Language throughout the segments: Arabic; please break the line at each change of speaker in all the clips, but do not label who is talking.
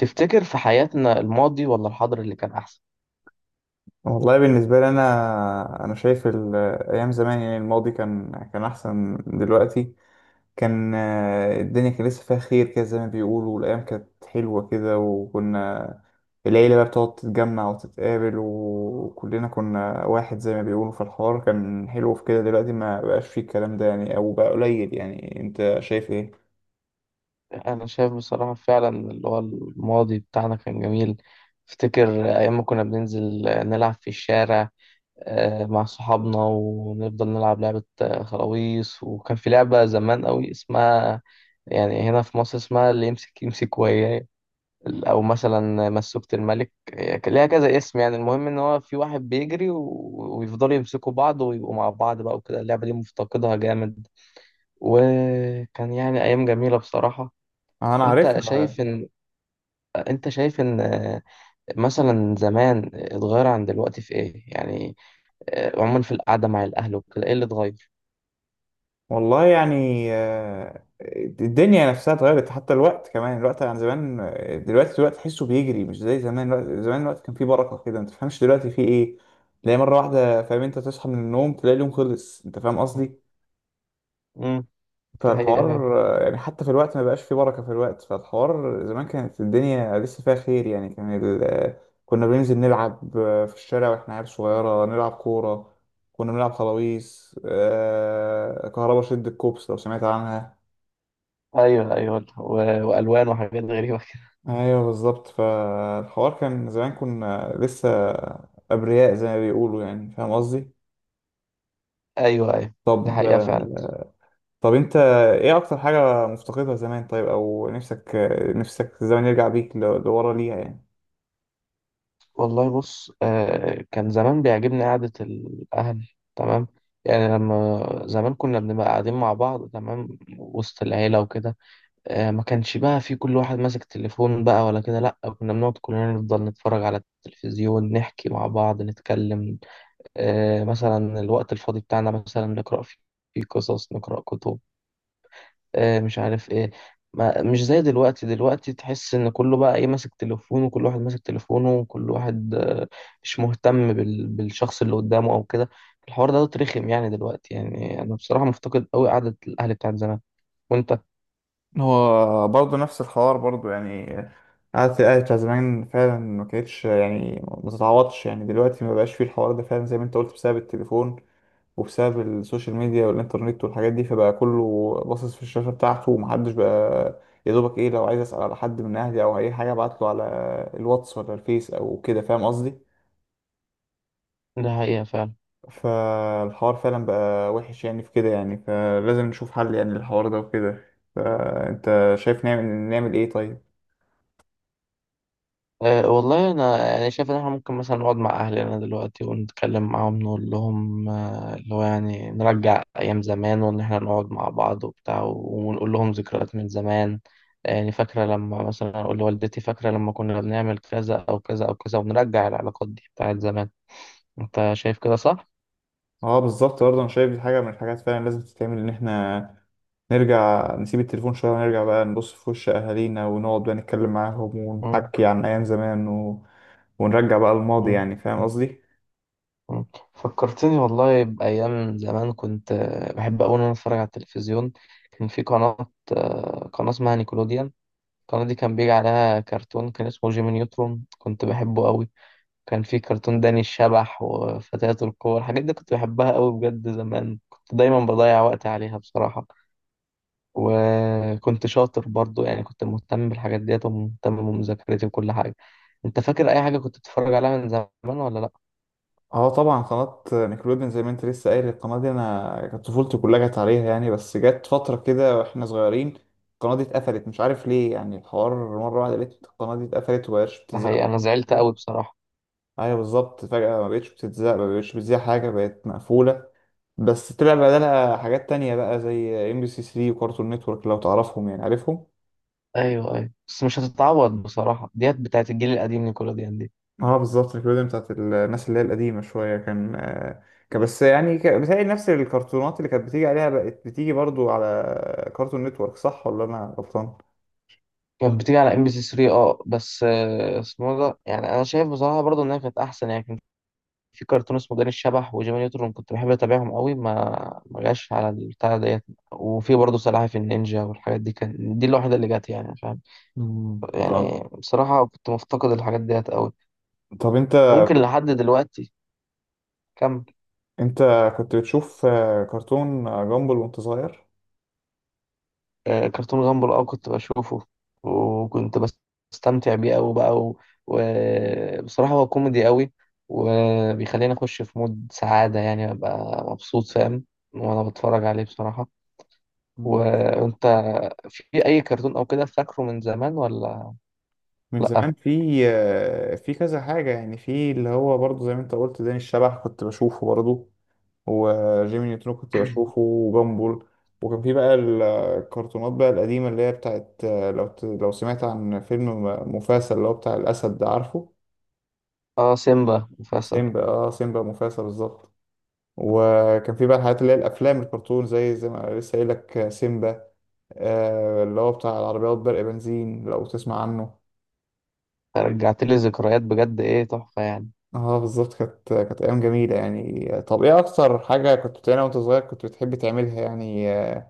تفتكر في حياتنا الماضي ولا الحاضر اللي كان أحسن؟
والله بالنسبة لي أنا شايف أيام زمان يعني الماضي كان أحسن من دلوقتي. كان الدنيا كان لسه فيها خير كده زي ما بيقولوا، والأيام كانت حلوة كده، وكنا العيلة بقى بتقعد تتجمع وتتقابل وكلنا كنا واحد زي ما بيقولوا. في الحوار كان حلو في كده، دلوقتي ما بقاش فيه الكلام ده يعني أو بقى قليل. يعني أنت شايف إيه؟
أنا شايف بصراحة فعلا اللي هو الماضي بتاعنا كان جميل. أفتكر أيام ما كنا بننزل نلعب في الشارع مع صحابنا ونفضل نلعب لعبة خلاويص. وكان في لعبة زمان قوي اسمها، يعني هنا في مصر اسمها اللي يمسك يمسك وياه، أو مثلا مسوكة الملك. هي كان ليها كذا اسم، يعني المهم إن هو في واحد بيجري ويفضلوا يمسكوا بعض ويبقوا مع بعض بقى وكده. اللعبة دي مفتقدها جامد، وكان يعني أيام جميلة بصراحة.
أنا
أنت
عارفها.
شايف إن أنت شايف إن مثلا زمان اتغير عن دلوقتي في إيه؟ يعني عموما في القعدة مع الأهل وكده، إيه اللي اتغير؟
والله يعني الدنيا نفسها اتغيرت، حتى الوقت كمان الوقت عن زمان. دلوقتي الوقت تحسه بيجري مش زي زمان. الوقت زمان الوقت كان فيه بركة كده، ما تفهمش دلوقتي فيه ايه. تلاقي مرة واحدة فاهم، انت تصحى من النوم تلاقي اليوم خلص، انت فاهم قصدي.
امم. دي حقيقة فعلا.
فالحوار يعني حتى في الوقت ما بقاش فيه بركة في الوقت. فالحوار زمان كانت الدنيا لسه فيها خير يعني، كان كنا بننزل نلعب في الشارع واحنا عيال صغيرة نلعب كورة. كنا بنلعب خلاويص، كهربا، شد الكوبس لو سمعت عنها.
أيوه أيوه وألوان وحاجات غريبة كده.
ايوه بالظبط. فالحوار كان زمان كنا لسه ابرياء زي ما بيقولوا يعني، فاهم قصدي.
أيوه أيوه. دي
طب
حقيقة فعلا.
طب انت، ايه اكتر حاجه مفتقدها زمان؟ طيب، او نفسك، نفسك الزمن يرجع بيك لورا ليها يعني.
والله بص، كان زمان بيعجبني قعدة الأهل، تمام. يعني لما زمان كنا بنبقى قاعدين مع بعض تمام وسط العيلة وكده، ما كانش بقى في كل واحد ماسك تليفون بقى ولا كده، لا كنا بنقعد كلنا نفضل نتفرج على التلفزيون، نحكي مع بعض، نتكلم. مثلا الوقت الفاضي بتاعنا مثلا نقرأ فيه، فيه قصص نقرأ كتب، مش عارف ايه. ما مش زي دلوقتي. دلوقتي تحس ان كله بقى ايه ماسك تليفونه، وكل واحد ماسك تليفونه، وكل واحد مش مهتم بالشخص اللي قدامه او كده. الحوار ده رخم يعني دلوقتي. يعني انا بصراحة مفتقد قوي قعدة الاهل بتاعت زمان. وانت؟
هو برضه نفس الحوار برضه يعني. قعدة الأهل بتاع زمان فعلا ما كانتش يعني ما تتعوضش يعني. دلوقتي ما بقاش فيه الحوار ده فعلا زي ما انت قلت، بسبب التليفون وبسبب السوشيال ميديا والإنترنت والحاجات دي. فبقى كله باصص في الشاشة بتاعته، ومحدش بقى، يا دوبك إيه، لو عايز أسأل على حد من أهلي أو أي حاجة أبعتله على الواتس ولا الفيس أو كده، فاهم قصدي؟
ده حقيقة فعلا.
فالحوار فعلا بقى وحش يعني في كده يعني. فلازم نشوف حل يعني للحوار ده وكده. فأنت شايف نعمل إيه طيب؟
أه والله أنا يعني شايف إن إحنا ممكن مثلا نقعد مع أهلنا دلوقتي ونتكلم معاهم، نقول لهم اللي هو يعني نرجع أيام زمان، وإن إحنا نقعد مع بعض وبتاع ونقول لهم ذكريات من زمان. يعني فاكرة لما مثلا أقول لوالدتي فاكرة لما كنا بنعمل كذا أو كذا أو كذا، ونرجع العلاقات دي بتاعت زمان. أنت شايف كده صح؟
اه بالظبط، برضه انا شايف دي حاجه من الحاجات فعلا لازم تتعمل، ان احنا نرجع نسيب التليفون شويه ونرجع بقى نبص في وش اهالينا ونقعد بقى نتكلم معاهم
مم.
ونحكي عن ايام زمان ونرجع بقى الماضي
مم.
يعني، فاهم قصدي.
مم. فكرتني والله بأيام زمان. كنت بحب أوي إن أنا أتفرج على التلفزيون. كان في قناة اسمها نيكولوديان. القناة دي كان بيجي عليها كرتون كان اسمه جيمي نيوترون، كنت بحبه قوي. كان في كرتون داني الشبح وفتيات القوة، الحاجات دي كنت بحبها قوي بجد. زمان كنت دايما بضيع وقت عليها بصراحة. وكنت شاطر برضو يعني، كنت مهتم بالحاجات ديت ومهتم بمذاكرتي وكل حاجة. انت فاكر اي حاجة كنت بتتفرج عليها من زمان ولا لا؟
اه طبعا قناة نيكلوديان زي ما انت لسه قايل، القناة دي انا كانت طفولتي كلها جت عليها يعني. بس جت فترة كده واحنا صغيرين، القناة دي اتقفلت. مش عارف ليه يعني، الحوار مرة واحدة لقيت القناة دي اتقفلت ومبقتش بتتذاع.
الحقيقة انا زعلت قوي بصراحة.
ايوه بالظبط، فجأة ما بقتش بتتذاع، ما بقتش بتذاع حاجة بقت مقفولة. بس طلع بدلها حاجات تانية بقى زي ام بي سي 3 وكارتون نتورك، لو تعرفهم يعني. عارفهم.
ايوه ايوه، بس مش هتتعوض بصراحة ديت بتاعت الجيل القديم نيكولوديان دي.
اه بالظبط، الكوميديا بتاعت الناس اللي هي القديمة شوية كان كان بس يعني، بتهيألي نفس الكرتونات اللي كانت بتيجي عليها بقت بتيجي برضو على كارتون نتورك، صح ولا انا غلطان؟
كانت بتيجي على ام بي سي 3، بس اسمه إيه ده. يعني انا شايف بصراحه برضو انها كانت احسن. يعني كان في كرتون اسمه داني الشبح وجيمي نيوترون، كنت بحب اتابعهم قوي. ما جاش على البتاع ديت. وفي برضو سلاحف النينجا والحاجات دي، كان دي الوحيده اللي جت يعني فاهم.
مم. طب
يعني بصراحه كنت مفتقد الحاجات ديت قوي.
طب انت
ممكن لحد دلوقتي. كمل.
انت كنت بتشوف كرتون جامبل وانت صغير؟
كرتون غامبل، كنت بشوفه وكنت بستمتع بيه قوي بقى. وبصراحة هو كوميدي قوي، وبيخليني اخش في مود سعادة، يعني ابقى مبسوط فاهم وانا بتفرج عليه بصراحة. وانت في اي كرتون او كده فاكره من زمان ولا
من
لا؟
زمان في في كذا حاجة يعني. في اللي هو برضه زي ما انت قلت داني الشبح، كنت بشوفه برضه، وجيمي نيوترون كنت بشوفه، وبامبول. وكان في بقى الكرتونات بقى القديمة اللي هي بتاعت لو لو سمعت عن فيلم مفاسا اللي هو بتاع الأسد ده، عارفه؟
اه، سيمبا مفاسة.
سيمبا، اه سيمبا مفاسا بالظبط. وكان في بقى الحاجات اللي هي الأفلام الكرتون زي ما لسه قايل لك، سيمبا، آه اللي هو بتاع العربيات برق بنزين لو تسمع عنه.
رجعت لي ذكريات بجد، ايه تحفة يعني.
اه بالظبط، كانت ايام جميله يعني. طب ايه اكتر حاجه كنت بتعملها وانت صغير كنت بتحب تعملها يعني،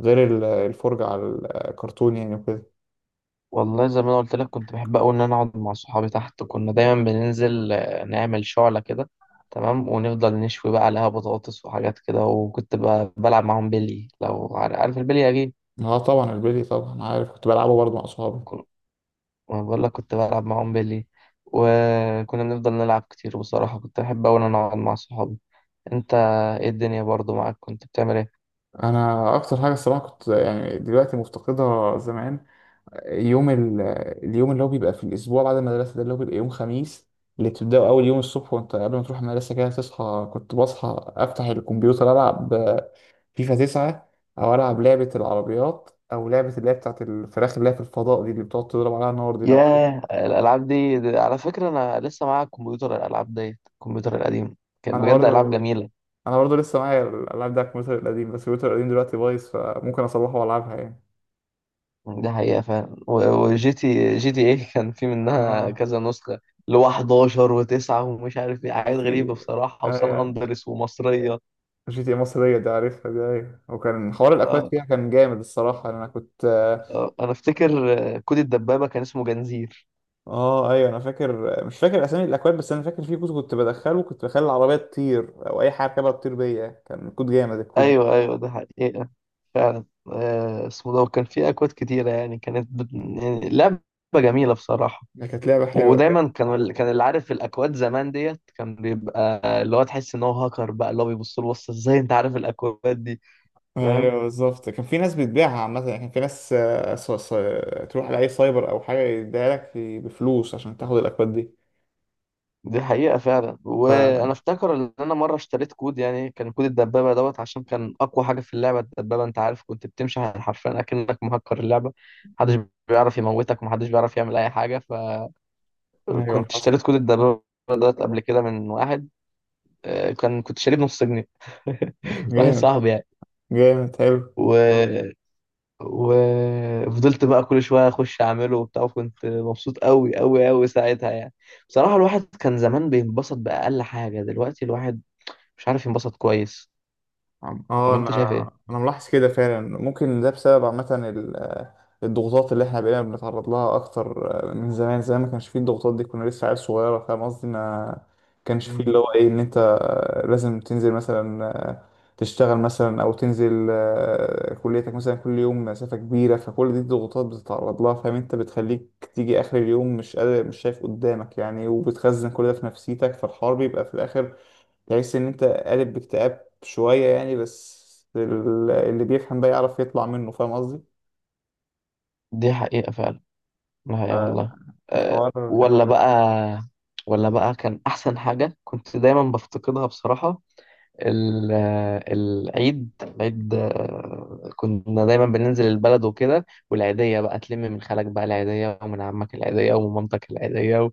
غير الفرجه على الكرتون يعني وكده؟
والله زي ما انا قلت لك، كنت بحب قوي ان انا اقعد مع صحابي تحت. كنا دايما بننزل نعمل شعلة كده، تمام، ونفضل نشوي بقى عليها بطاطس وحاجات كده. وكنت بلعب معاهم بيلي. لو عارف البيلي اكيد.
اه طبعا البلي، طبعا عارف، كنت بلعبه برضه مع اصحابي.
كن- ما بقول لك كنت بلعب معاهم بيلي. وكنا بنفضل نلعب كتير بصراحة. كنت بحب قوي ان انا اقعد مع صحابي. انت ايه الدنيا برضو معاك كنت بتعمل ايه؟
انا اكتر حاجه الصراحه كنت يعني دلوقتي مفتقدها زمان، يوم ال... اليوم اللي هو بيبقى في الأسبوع بعد المدرسة ده اللي هو بيبقى يوم خميس. اللي بتبدأه أول يوم الصبح، وأنت قبل ما تروح المدرسة كده تصحى، كنت بصحى أفتح الكمبيوتر ألعب فيفا تسعة، أو ألعب لعبة العربيات، أو لعبة اللي هي بتاعت الفراخ اللي هي في الفضاء دي اللي بتقعد تضرب عليها النار دي، لو
ياه
عارف.
الالعاب دي على فكرة انا لسه معايا كمبيوتر الالعاب ديت الكمبيوتر القديم. كان
أنا
بجد العاب
برضه
جميلة.
أنا برضه لسه معايا الألعاب ده على الكمبيوتر القديم، بس الكمبيوتر القديم دلوقتي بايظ، فممكن أصلحه وألعبها يعني.
دي حقيقة فعلا. وجي تي ايه. كان في منها
آه.
كذا نسخة اللي هو 11 و9 ومش عارف ايه حاجات غريبة
جيتي،
بصراحة، وسان اندرس ومصرية.
جي تي مصرية دي عارفها دي، أيوة. وكان حوار الأكواد
آه،
فيها كان جامد الصراحة، أنا كنت
انا افتكر كود الدبابة كان اسمه جنزير.
آه. أيوة أنا فاكر، مش فاكر أسامي الأكواد، بس أنا فاكر في كود كنت بدخله كنت بخلي العربية تطير، أو أي حاجة كده تطير بيا، كان كود جامد الكود ده.
ايوه ايوه ده حقيقة فعلا. اسمه ده. وكان في اكواد كتيرة يعني، كانت يعني لعبة جميلة بصراحة.
ده كانت لعبة حلوة كان.
ودايما كان كان اللي عارف الاكواد زمان ديت كان بيبقى اللي هو تحس ان هو هاكر بقى، اللي هو بيبص له بص ازاي انت عارف الاكواد دي فاهم.
أيوة بالظبط، كان في ناس بتبيعها عامة يعني. كان في ناس تروح لأي سايبر أو حاجة يديها لك بفلوس عشان تاخد الأكواد دي.
دي حقيقة فعلا.
ف...
وأنا أفتكر إن أنا مرة اشتريت كود، يعني كان كود الدبابة دوت عشان كان أقوى حاجة في اللعبة الدبابة. أنت عارف كنت بتمشي حرفيا أكنك مهكر اللعبة. محدش
مم.
بيعرف يموتك ومحدش بيعرف يعمل أي حاجة.
أيوة
فكنت
حصل.
اشتريت كود الدبابة دوت قبل كده من واحد، كنت شاريه بنص جنيه. واحد
جامد.
صاحبي يعني.
جامد، حلو.
و... اه وفضلت بقى كل شوية أخش أعمله وبتاع. وكنت مبسوط أوي أوي أوي ساعتها يعني. بصراحة الواحد كان زمان بينبسط بأقل حاجة، دلوقتي الواحد مش عارف ينبسط كويس.
عم- اه
فما
انا
انت شايف ايه؟
انا ملاحظ كده فعلا. ممكن ده بسبب عامه الضغوطات اللي احنا بقينا بنتعرض لها اكتر من زمان. زمان ما كانش فيه الضغوطات دي، كنا لسه عيال صغيره، فاهم قصدي. ما كانش فيه اللي
مم.
هو ايه، ان انت لازم تنزل مثلا تشتغل مثلا، او تنزل كليتك مثلا كل يوم مسافه كبيره. فكل دي الضغوطات بتتعرض لها فاهم انت، بتخليك تيجي اخر اليوم مش قادر، مش شايف قدامك يعني، وبتخزن كل ده في نفسيتك. فالحوار بيبقى في الاخر تحس ان انت قالب باكتئاب شوية يعني. بس اللي بيفهم بقى يعرف يطلع منه، فاهم قصدي.
دي حقيقة فعلا. دي حقيقة والله. أه،
الحوار كان
ولا
حلو.
بقى ولا بقى كان أحسن حاجة كنت دايما بفتقدها بصراحة. العيد. كنا دايما بننزل البلد وكده، والعيدية بقى تلم من خالك بقى العيدية، ومن عمك العيدية، ومن مامتك العيدية.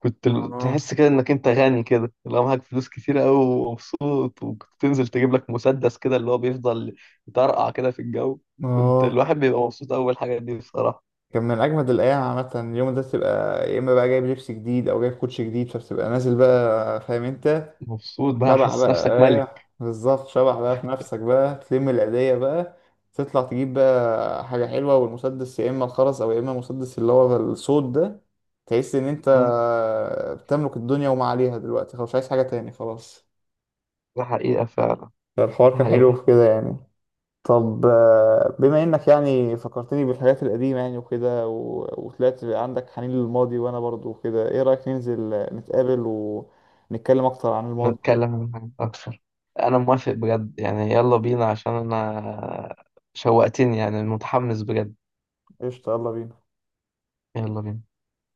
كنت
اه
تحس كده انك انت غني كده، لو معاك فلوس كتير قوي ومبسوط، وكنت تنزل تجيب لك مسدس كده اللي هو بيفضل يطرقع كده في الجو. كنت
اه
الواحد بيبقى مبسوط اول حاجه دي بصراحه.
كان من اجمد الايام عامة. اليوم ده تبقى يا اما بقى جايب لبس جديد او جايب كوتش جديد، فبتبقى نازل بقى فاهم انت،
مبسوط بقى
شبح
حاسس نفسك
بقى.
ملك.
ايه بالظبط، شبح بقى في نفسك، بقى تلم العيدية بقى تطلع تجيب بقى حاجة حلوة، والمسدس يا إما الخرز أو يا إما المسدس اللي هو الصوت ده. تحس إن أنت
مم.
بتملك الدنيا وما عليها، دلوقتي خلاص مش عايز حاجة تاني خلاص.
ده حقيقه فعلا.
فالحوار
ده
كان حلو
حقيقه.
في كده يعني. طب بما إنك يعني فكرتني بالحاجات القديمة يعني وكده وطلعت عندك حنين للماضي، وأنا برضو وكده، إيه رأيك ننزل
مم.
نتقابل ونتكلم أكتر عن الماضي؟
نتكلم عن حاجات اكتر. انا موافق بجد يعني، يلا بينا عشان انا شوقتني يعني متحمس بجد.
قشطة، يلا بينا.
يلا بينا.